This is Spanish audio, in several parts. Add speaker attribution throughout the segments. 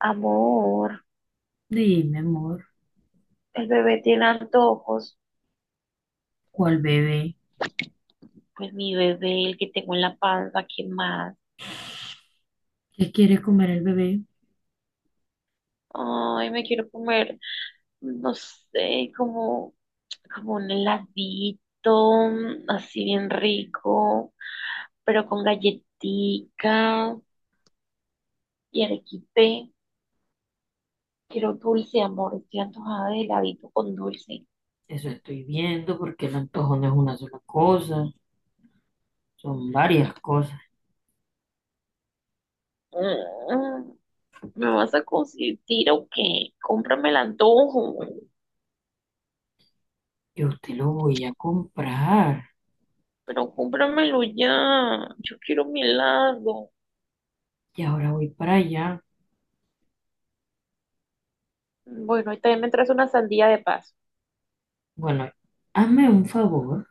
Speaker 1: Amor,
Speaker 2: Dime, amor,
Speaker 1: el bebé tiene antojos.
Speaker 2: ¿cuál bebé?
Speaker 1: Pues mi bebé, el que tengo en la panza, ¿qué más?
Speaker 2: ¿Qué quiere comer el bebé?
Speaker 1: Ay, me quiero comer, no sé, como un heladito, así bien rico, pero con galletica y arequipe. Quiero dulce, amor, estoy antojada de heladito con dulce.
Speaker 2: Eso estoy viendo porque el antojo no es una sola cosa, son varias cosas.
Speaker 1: Mm, ¿Me vas a consentir o qué? Cómprame el antojo.
Speaker 2: Yo te lo voy a comprar
Speaker 1: Pero cómpramelo ya. Yo quiero mi helado.
Speaker 2: y ahora voy para allá.
Speaker 1: Bueno, y también me traes una sandía de paso.
Speaker 2: Bueno, hazme un favor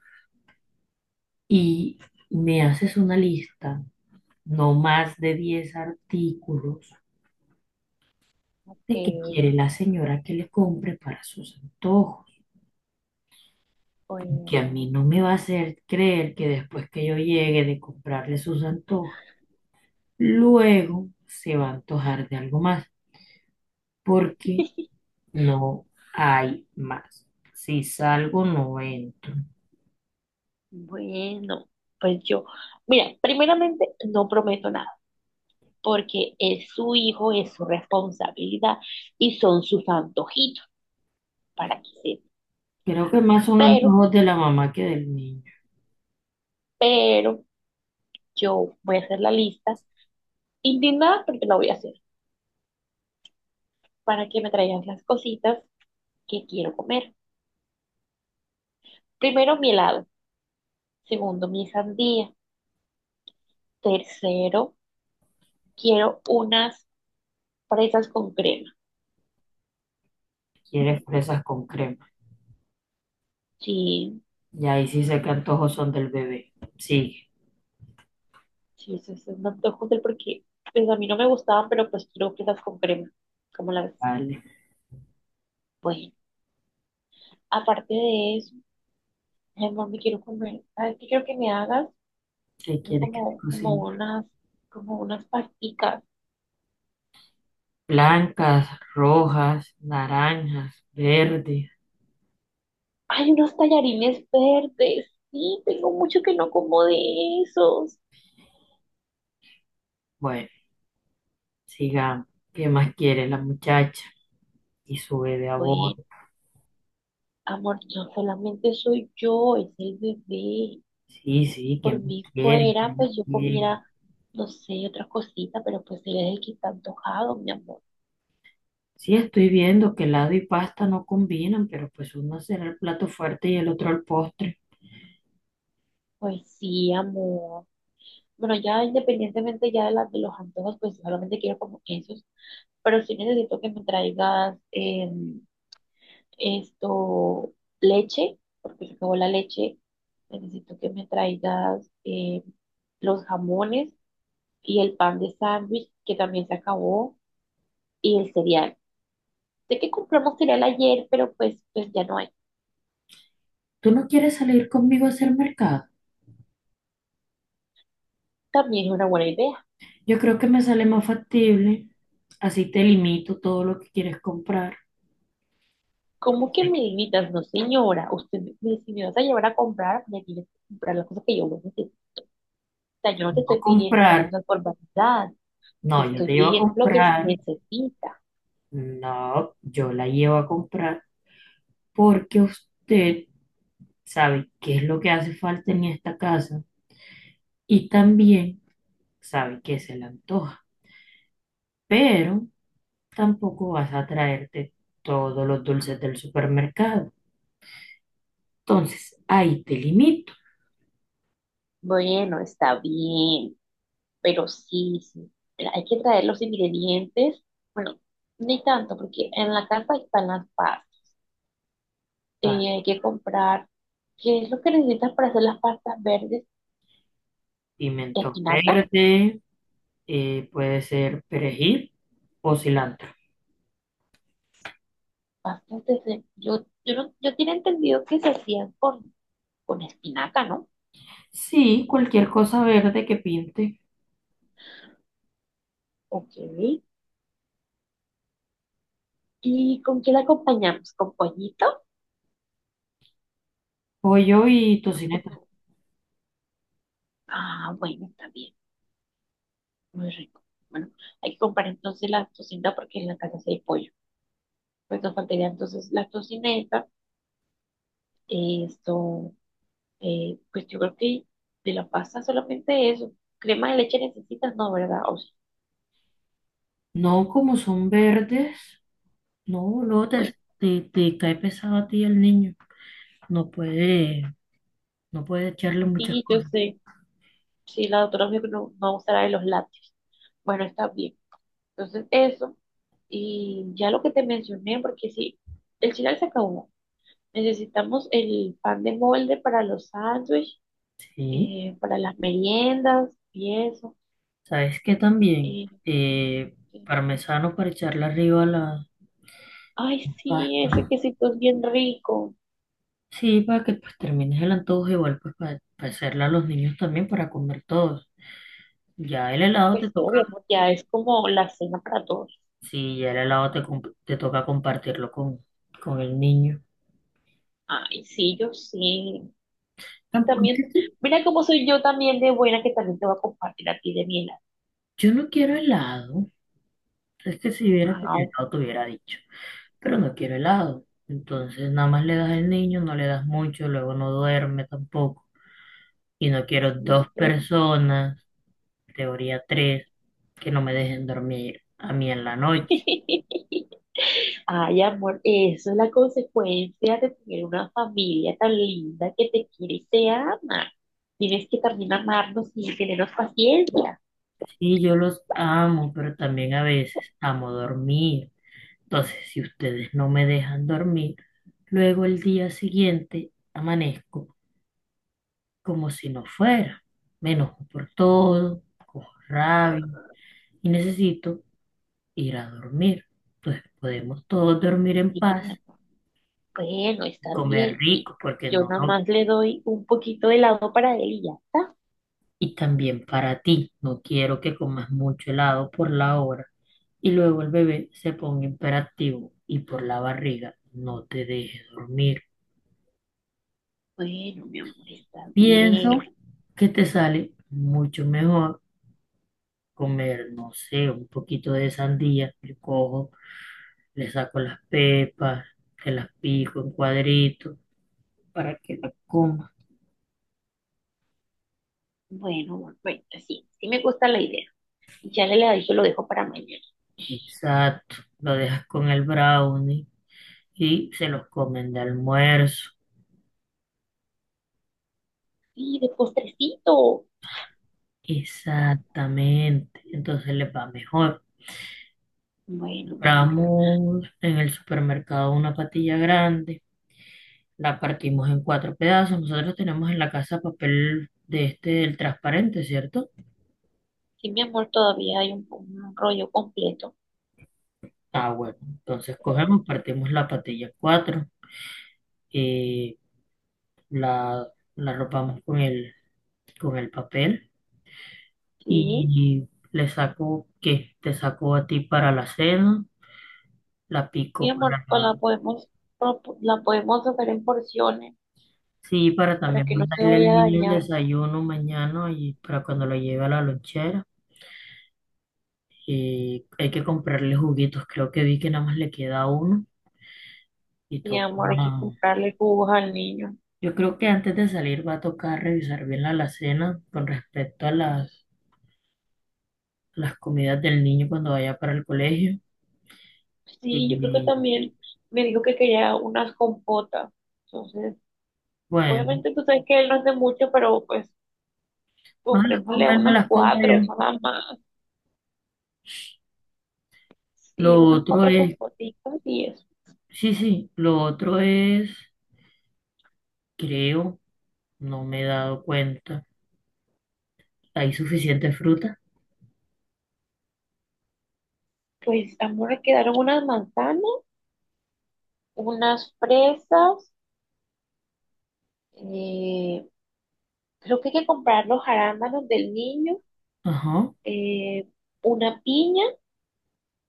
Speaker 2: y me haces una lista, no más de 10 artículos
Speaker 1: Ok,
Speaker 2: de que quiere la señora que le compre para sus antojos. Porque a mí
Speaker 1: bueno.
Speaker 2: no me va a hacer creer que después que yo llegue de comprarle sus antojos, luego se va a antojar de algo más, porque no hay más. Si salgo, no entro.
Speaker 1: Bueno, pues yo. Mira, primeramente no prometo nada, porque es su hijo, es su responsabilidad y son sus antojitos para que se.
Speaker 2: Creo que más son
Speaker 1: Pero,
Speaker 2: antojos de la mamá que del niño.
Speaker 1: pero yo voy a hacer la lista indignada porque la voy a hacer para que me traigan las cositas que quiero comer. Primero, mi helado. Segundo, mi sandía. Tercero, quiero unas fresas con crema.
Speaker 2: Quiere fresas con crema.
Speaker 1: Sí,
Speaker 2: Y ahí sí sé que antojos son del bebé. Sigue,
Speaker 1: sí, eso es un antojo del porque pues a mí no me gustaban, pero pues quiero fresas con crema. ¿Cómo la ves?
Speaker 2: vale.
Speaker 1: Bueno, aparte de eso, mi amor, me quiero comer. ¿Sabes qué quiero que me hagas?
Speaker 2: ¿Qué
Speaker 1: Quiero
Speaker 2: quieres que te
Speaker 1: como, como
Speaker 2: cocine?
Speaker 1: unas, como unas pasticas.
Speaker 2: Blancas, rojas, naranjas, verdes.
Speaker 1: Hay unos tallarines verdes. Sí, tengo mucho que no como de esos.
Speaker 2: Bueno, sigamos. ¿Qué más quiere la muchacha? Y su bebé a
Speaker 1: Bueno,
Speaker 2: bordo.
Speaker 1: amor, yo solamente soy yo, es el bebé.
Speaker 2: Sí, sí, ¿qué
Speaker 1: Por
Speaker 2: más
Speaker 1: mí
Speaker 2: quiere? ¿Qué
Speaker 1: fuera,
Speaker 2: más
Speaker 1: pues yo
Speaker 2: quiere?
Speaker 1: comiera, no sé, otra cosita, pero pues él es el que está antojado, mi amor.
Speaker 2: Sí, estoy viendo que helado y pasta no combinan, pero pues uno será el plato fuerte y el otro el postre.
Speaker 1: Pues sí, amor. Bueno, ya independientemente ya de, las de los antojos, pues solamente quiero como esos, pero sí necesito que me traigas esto, leche, porque se acabó la leche. Necesito que me traigas los jamones y el pan de sándwich, que también se acabó, y el cereal. Sé que compramos cereal ayer, pero pues, pues ya no hay.
Speaker 2: ¿Tú no quieres salir conmigo a hacer mercado?
Speaker 1: También es una buena idea.
Speaker 2: Yo creo que me sale más factible. Así te limito todo lo que quieres comprar.
Speaker 1: ¿Cómo que
Speaker 2: Si
Speaker 1: me limitas? No, señora. Usted, me- si me vas a llevar a comprar, me tienes que comprar las cosas que yo necesito. O sea, yo no te
Speaker 2: no
Speaker 1: estoy pidiendo las
Speaker 2: comprar,
Speaker 1: cosas por vanidad. Te
Speaker 2: no, yo
Speaker 1: estoy
Speaker 2: te llevo a
Speaker 1: pidiendo lo que se
Speaker 2: comprar.
Speaker 1: necesita.
Speaker 2: No, yo la llevo a comprar porque usted sabe qué es lo que hace falta en esta casa y también sabe qué se le antoja. Pero tampoco vas a traerte todos los dulces del supermercado. Entonces, ahí te limito
Speaker 1: Bueno, está bien. Pero sí, sí. Mira, hay que traer los ingredientes. Bueno, ni tanto, porque en la casa están las pastas.
Speaker 2: a
Speaker 1: Hay que comprar. ¿Qué es lo que necesitas para hacer las pastas verdes?
Speaker 2: pimiento
Speaker 1: Espinaca.
Speaker 2: verde, puede ser perejil o cilantro.
Speaker 1: Bastante. Yo, yo, no- yo tenía entendido que se hacían con espinaca, ¿no?
Speaker 2: Sí, cualquier cosa verde que pinte,
Speaker 1: Ok. ¿Y con qué la acompañamos? ¿Con pollito?
Speaker 2: pollo y
Speaker 1: ¿O
Speaker 2: tocineta.
Speaker 1: con- Ah, bueno, está bien. Muy rico. Bueno, hay que comprar entonces la tocineta porque en la casa sí hay pollo. Pues nos faltaría entonces la tocineta. Esto, pues yo creo que de la pasta solamente eso. Crema de leche necesitas, no, ¿verdad? O sí.
Speaker 2: No, como son verdes, no, no, te,
Speaker 1: Bueno,
Speaker 2: te, te cae pesado a ti el niño. No puede, no puede echarle muchas
Speaker 1: y yo
Speaker 2: cosas.
Speaker 1: sé, si la doctora me dijo que no, no usará de los lácteos. Bueno, está bien. Entonces, eso. Y ya lo que te mencioné, porque sí, el final se acabó. Necesitamos el pan de molde para los sándwiches,
Speaker 2: Sí.
Speaker 1: para las meriendas y eso.
Speaker 2: ¿Sabes qué también?
Speaker 1: Eh,
Speaker 2: Eh,
Speaker 1: eh,
Speaker 2: Parmesano para echarle arriba a la
Speaker 1: ay, sí, ese
Speaker 2: pasta.
Speaker 1: quesito es bien rico.
Speaker 2: Sí, para que pues termines el antojo, igual pues para hacerle a los niños también para comer todos. Ya el helado te
Speaker 1: Pues todo,
Speaker 2: toca,
Speaker 1: mi amor, ya es como la cena para todos.
Speaker 2: sí, ya el helado te toca compartirlo con el niño.
Speaker 1: Ay, sí, yo sí. Y
Speaker 2: Tampoco es que
Speaker 1: también,
Speaker 2: te-
Speaker 1: mira cómo soy yo también de buena, que también te voy a compartir a ti de mi helado.
Speaker 2: Yo no quiero helado. Es que si hubiera
Speaker 1: Ah,
Speaker 2: que helado te hubiera dicho, pero no quiero helado. Entonces nada más le das al niño, no le das mucho, luego no duerme tampoco. Y no quiero dos
Speaker 1: sí, ya.
Speaker 2: personas. Categoría 3, que no me dejen dormir a mí en la noche.
Speaker 1: Ay, amor, eso es la consecuencia de tener una familia tan linda que te quiere y te ama. Tienes que también amarnos y tenernos paciencia.
Speaker 2: Sí, yo los amo, pero también a veces amo dormir. Entonces, si ustedes no me dejan dormir, luego el día siguiente amanezco como si no fuera. Me enojo por todo, cojo rabia y necesito ir a dormir. Entonces, podemos todos dormir en
Speaker 1: Sí,
Speaker 2: paz,
Speaker 1: amor. Bueno, está
Speaker 2: comer
Speaker 1: bien. Y
Speaker 2: rico, porque
Speaker 1: yo
Speaker 2: no
Speaker 1: nada más le doy un poquito de lado para él y ya está.
Speaker 2: y también para ti. No quiero que comas mucho helado por la hora y luego el bebé se ponga imperativo y por la barriga no te deje dormir.
Speaker 1: Bueno, mi amor, está bien.
Speaker 2: Pienso que te sale mucho mejor comer, no sé, un poquito de sandía. Yo cojo, le saco las pepas, te las pico en cuadritos para que la comas.
Speaker 1: Bueno, amor, bueno, pues sí, sí me gusta la idea. Y ya le la dije, lo dejo para mañana.
Speaker 2: Exacto, lo dejas con el brownie y se los comen de almuerzo.
Speaker 1: Y de postrecito.
Speaker 2: Exactamente, entonces les va mejor.
Speaker 1: Bueno, mi amor.
Speaker 2: Compramos en el supermercado una patilla grande, la partimos en cuatro pedazos. Nosotros tenemos en la casa papel de este, el transparente, ¿cierto?
Speaker 1: Sí, mi amor, todavía hay un rollo completo.
Speaker 2: Ah, bueno, entonces cogemos, partimos la patilla en cuatro, eh, la, la arropamos con el papel
Speaker 1: Sí,
Speaker 2: y le saco, ¿qué? Te saco a ti para la cena, la
Speaker 1: mi
Speaker 2: pico
Speaker 1: amor,
Speaker 2: para.
Speaker 1: pues la podemos hacer en porciones
Speaker 2: Sí, para
Speaker 1: para
Speaker 2: también
Speaker 1: que no se
Speaker 2: mandarle al
Speaker 1: vaya a
Speaker 2: niño el
Speaker 1: dañar.
Speaker 2: desayuno mañana y para cuando lo lleve a la lonchera. Y hay que comprarle juguitos. Creo que vi que nada más le queda uno y
Speaker 1: Mi
Speaker 2: toca.
Speaker 1: amor, hay que comprarle jugos al niño.
Speaker 2: Yo creo que antes de salir va a tocar revisar bien la alacena con respecto a las comidas del niño cuando vaya para el colegio.
Speaker 1: Sí, yo creo que
Speaker 2: Y,
Speaker 1: también me dijo que quería unas compotas. Entonces,
Speaker 2: bueno,
Speaker 1: obviamente tú sabes que él no hace mucho, pero pues
Speaker 2: más las como
Speaker 1: comprémosle
Speaker 2: él, me
Speaker 1: unas
Speaker 2: las como
Speaker 1: cuatro,
Speaker 2: yo.
Speaker 1: nada más.
Speaker 2: Lo
Speaker 1: Sí, unas
Speaker 2: otro
Speaker 1: cuatro
Speaker 2: es,
Speaker 1: compotitas y eso.
Speaker 2: sí, sí, lo otro es, creo, no me he dado cuenta. ¿Hay suficiente fruta?
Speaker 1: Pues, amor, quedaron unas manzanas, unas fresas, eh, creo que hay que comprar los arándanos del niño,
Speaker 2: Ajá.
Speaker 1: eh, una piña,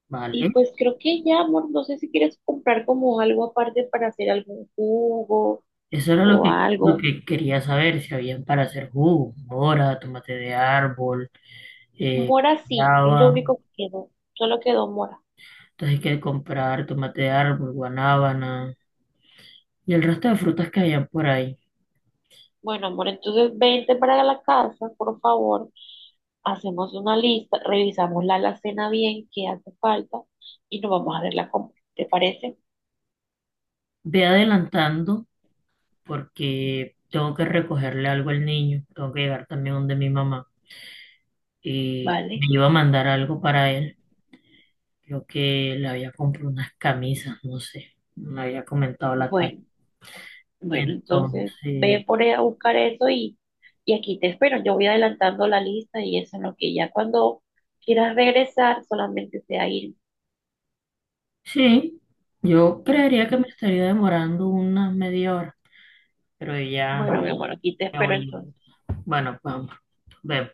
Speaker 2: Vale,
Speaker 1: y pues creo que ya, amor, no sé si quieres comprar como algo aparte para hacer algún jugo
Speaker 2: eso era lo
Speaker 1: o
Speaker 2: que, lo
Speaker 1: algo.
Speaker 2: que quería saber, si habían para hacer jugo, mora, tomate de árbol, eh,
Speaker 1: Mora sí, es lo
Speaker 2: guanábana.
Speaker 1: único que quedó, solo quedó mora.
Speaker 2: Entonces hay que comprar tomate de árbol, guanábana y el resto de frutas que hayan por ahí.
Speaker 1: Bueno, amor, entonces vente para la casa, por favor, hacemos una lista, revisamos la alacena bien, qué hace falta y nos vamos a ver la compra. ¿Te parece?
Speaker 2: Ve adelantando porque tengo que recogerle algo al niño, tengo que llegar también donde mi mamá y me
Speaker 1: Vale.
Speaker 2: iba a mandar algo para él, creo que le había comprado unas camisas, no sé, me había comentado la tarde.
Speaker 1: Bueno. Bueno, entonces
Speaker 2: Entonces...
Speaker 1: ve por ahí a buscar eso y aquí te espero. Yo voy adelantando la lista y eso, es lo que ya cuando quieras regresar solamente sea ir.
Speaker 2: Sí, yo creería que me estaría demorando unas media hora, pero ya
Speaker 1: Bueno, mi amor, aquí te
Speaker 2: ya
Speaker 1: espero
Speaker 2: voy
Speaker 1: entonces.
Speaker 2: llegando. Bueno, vamos, vemos.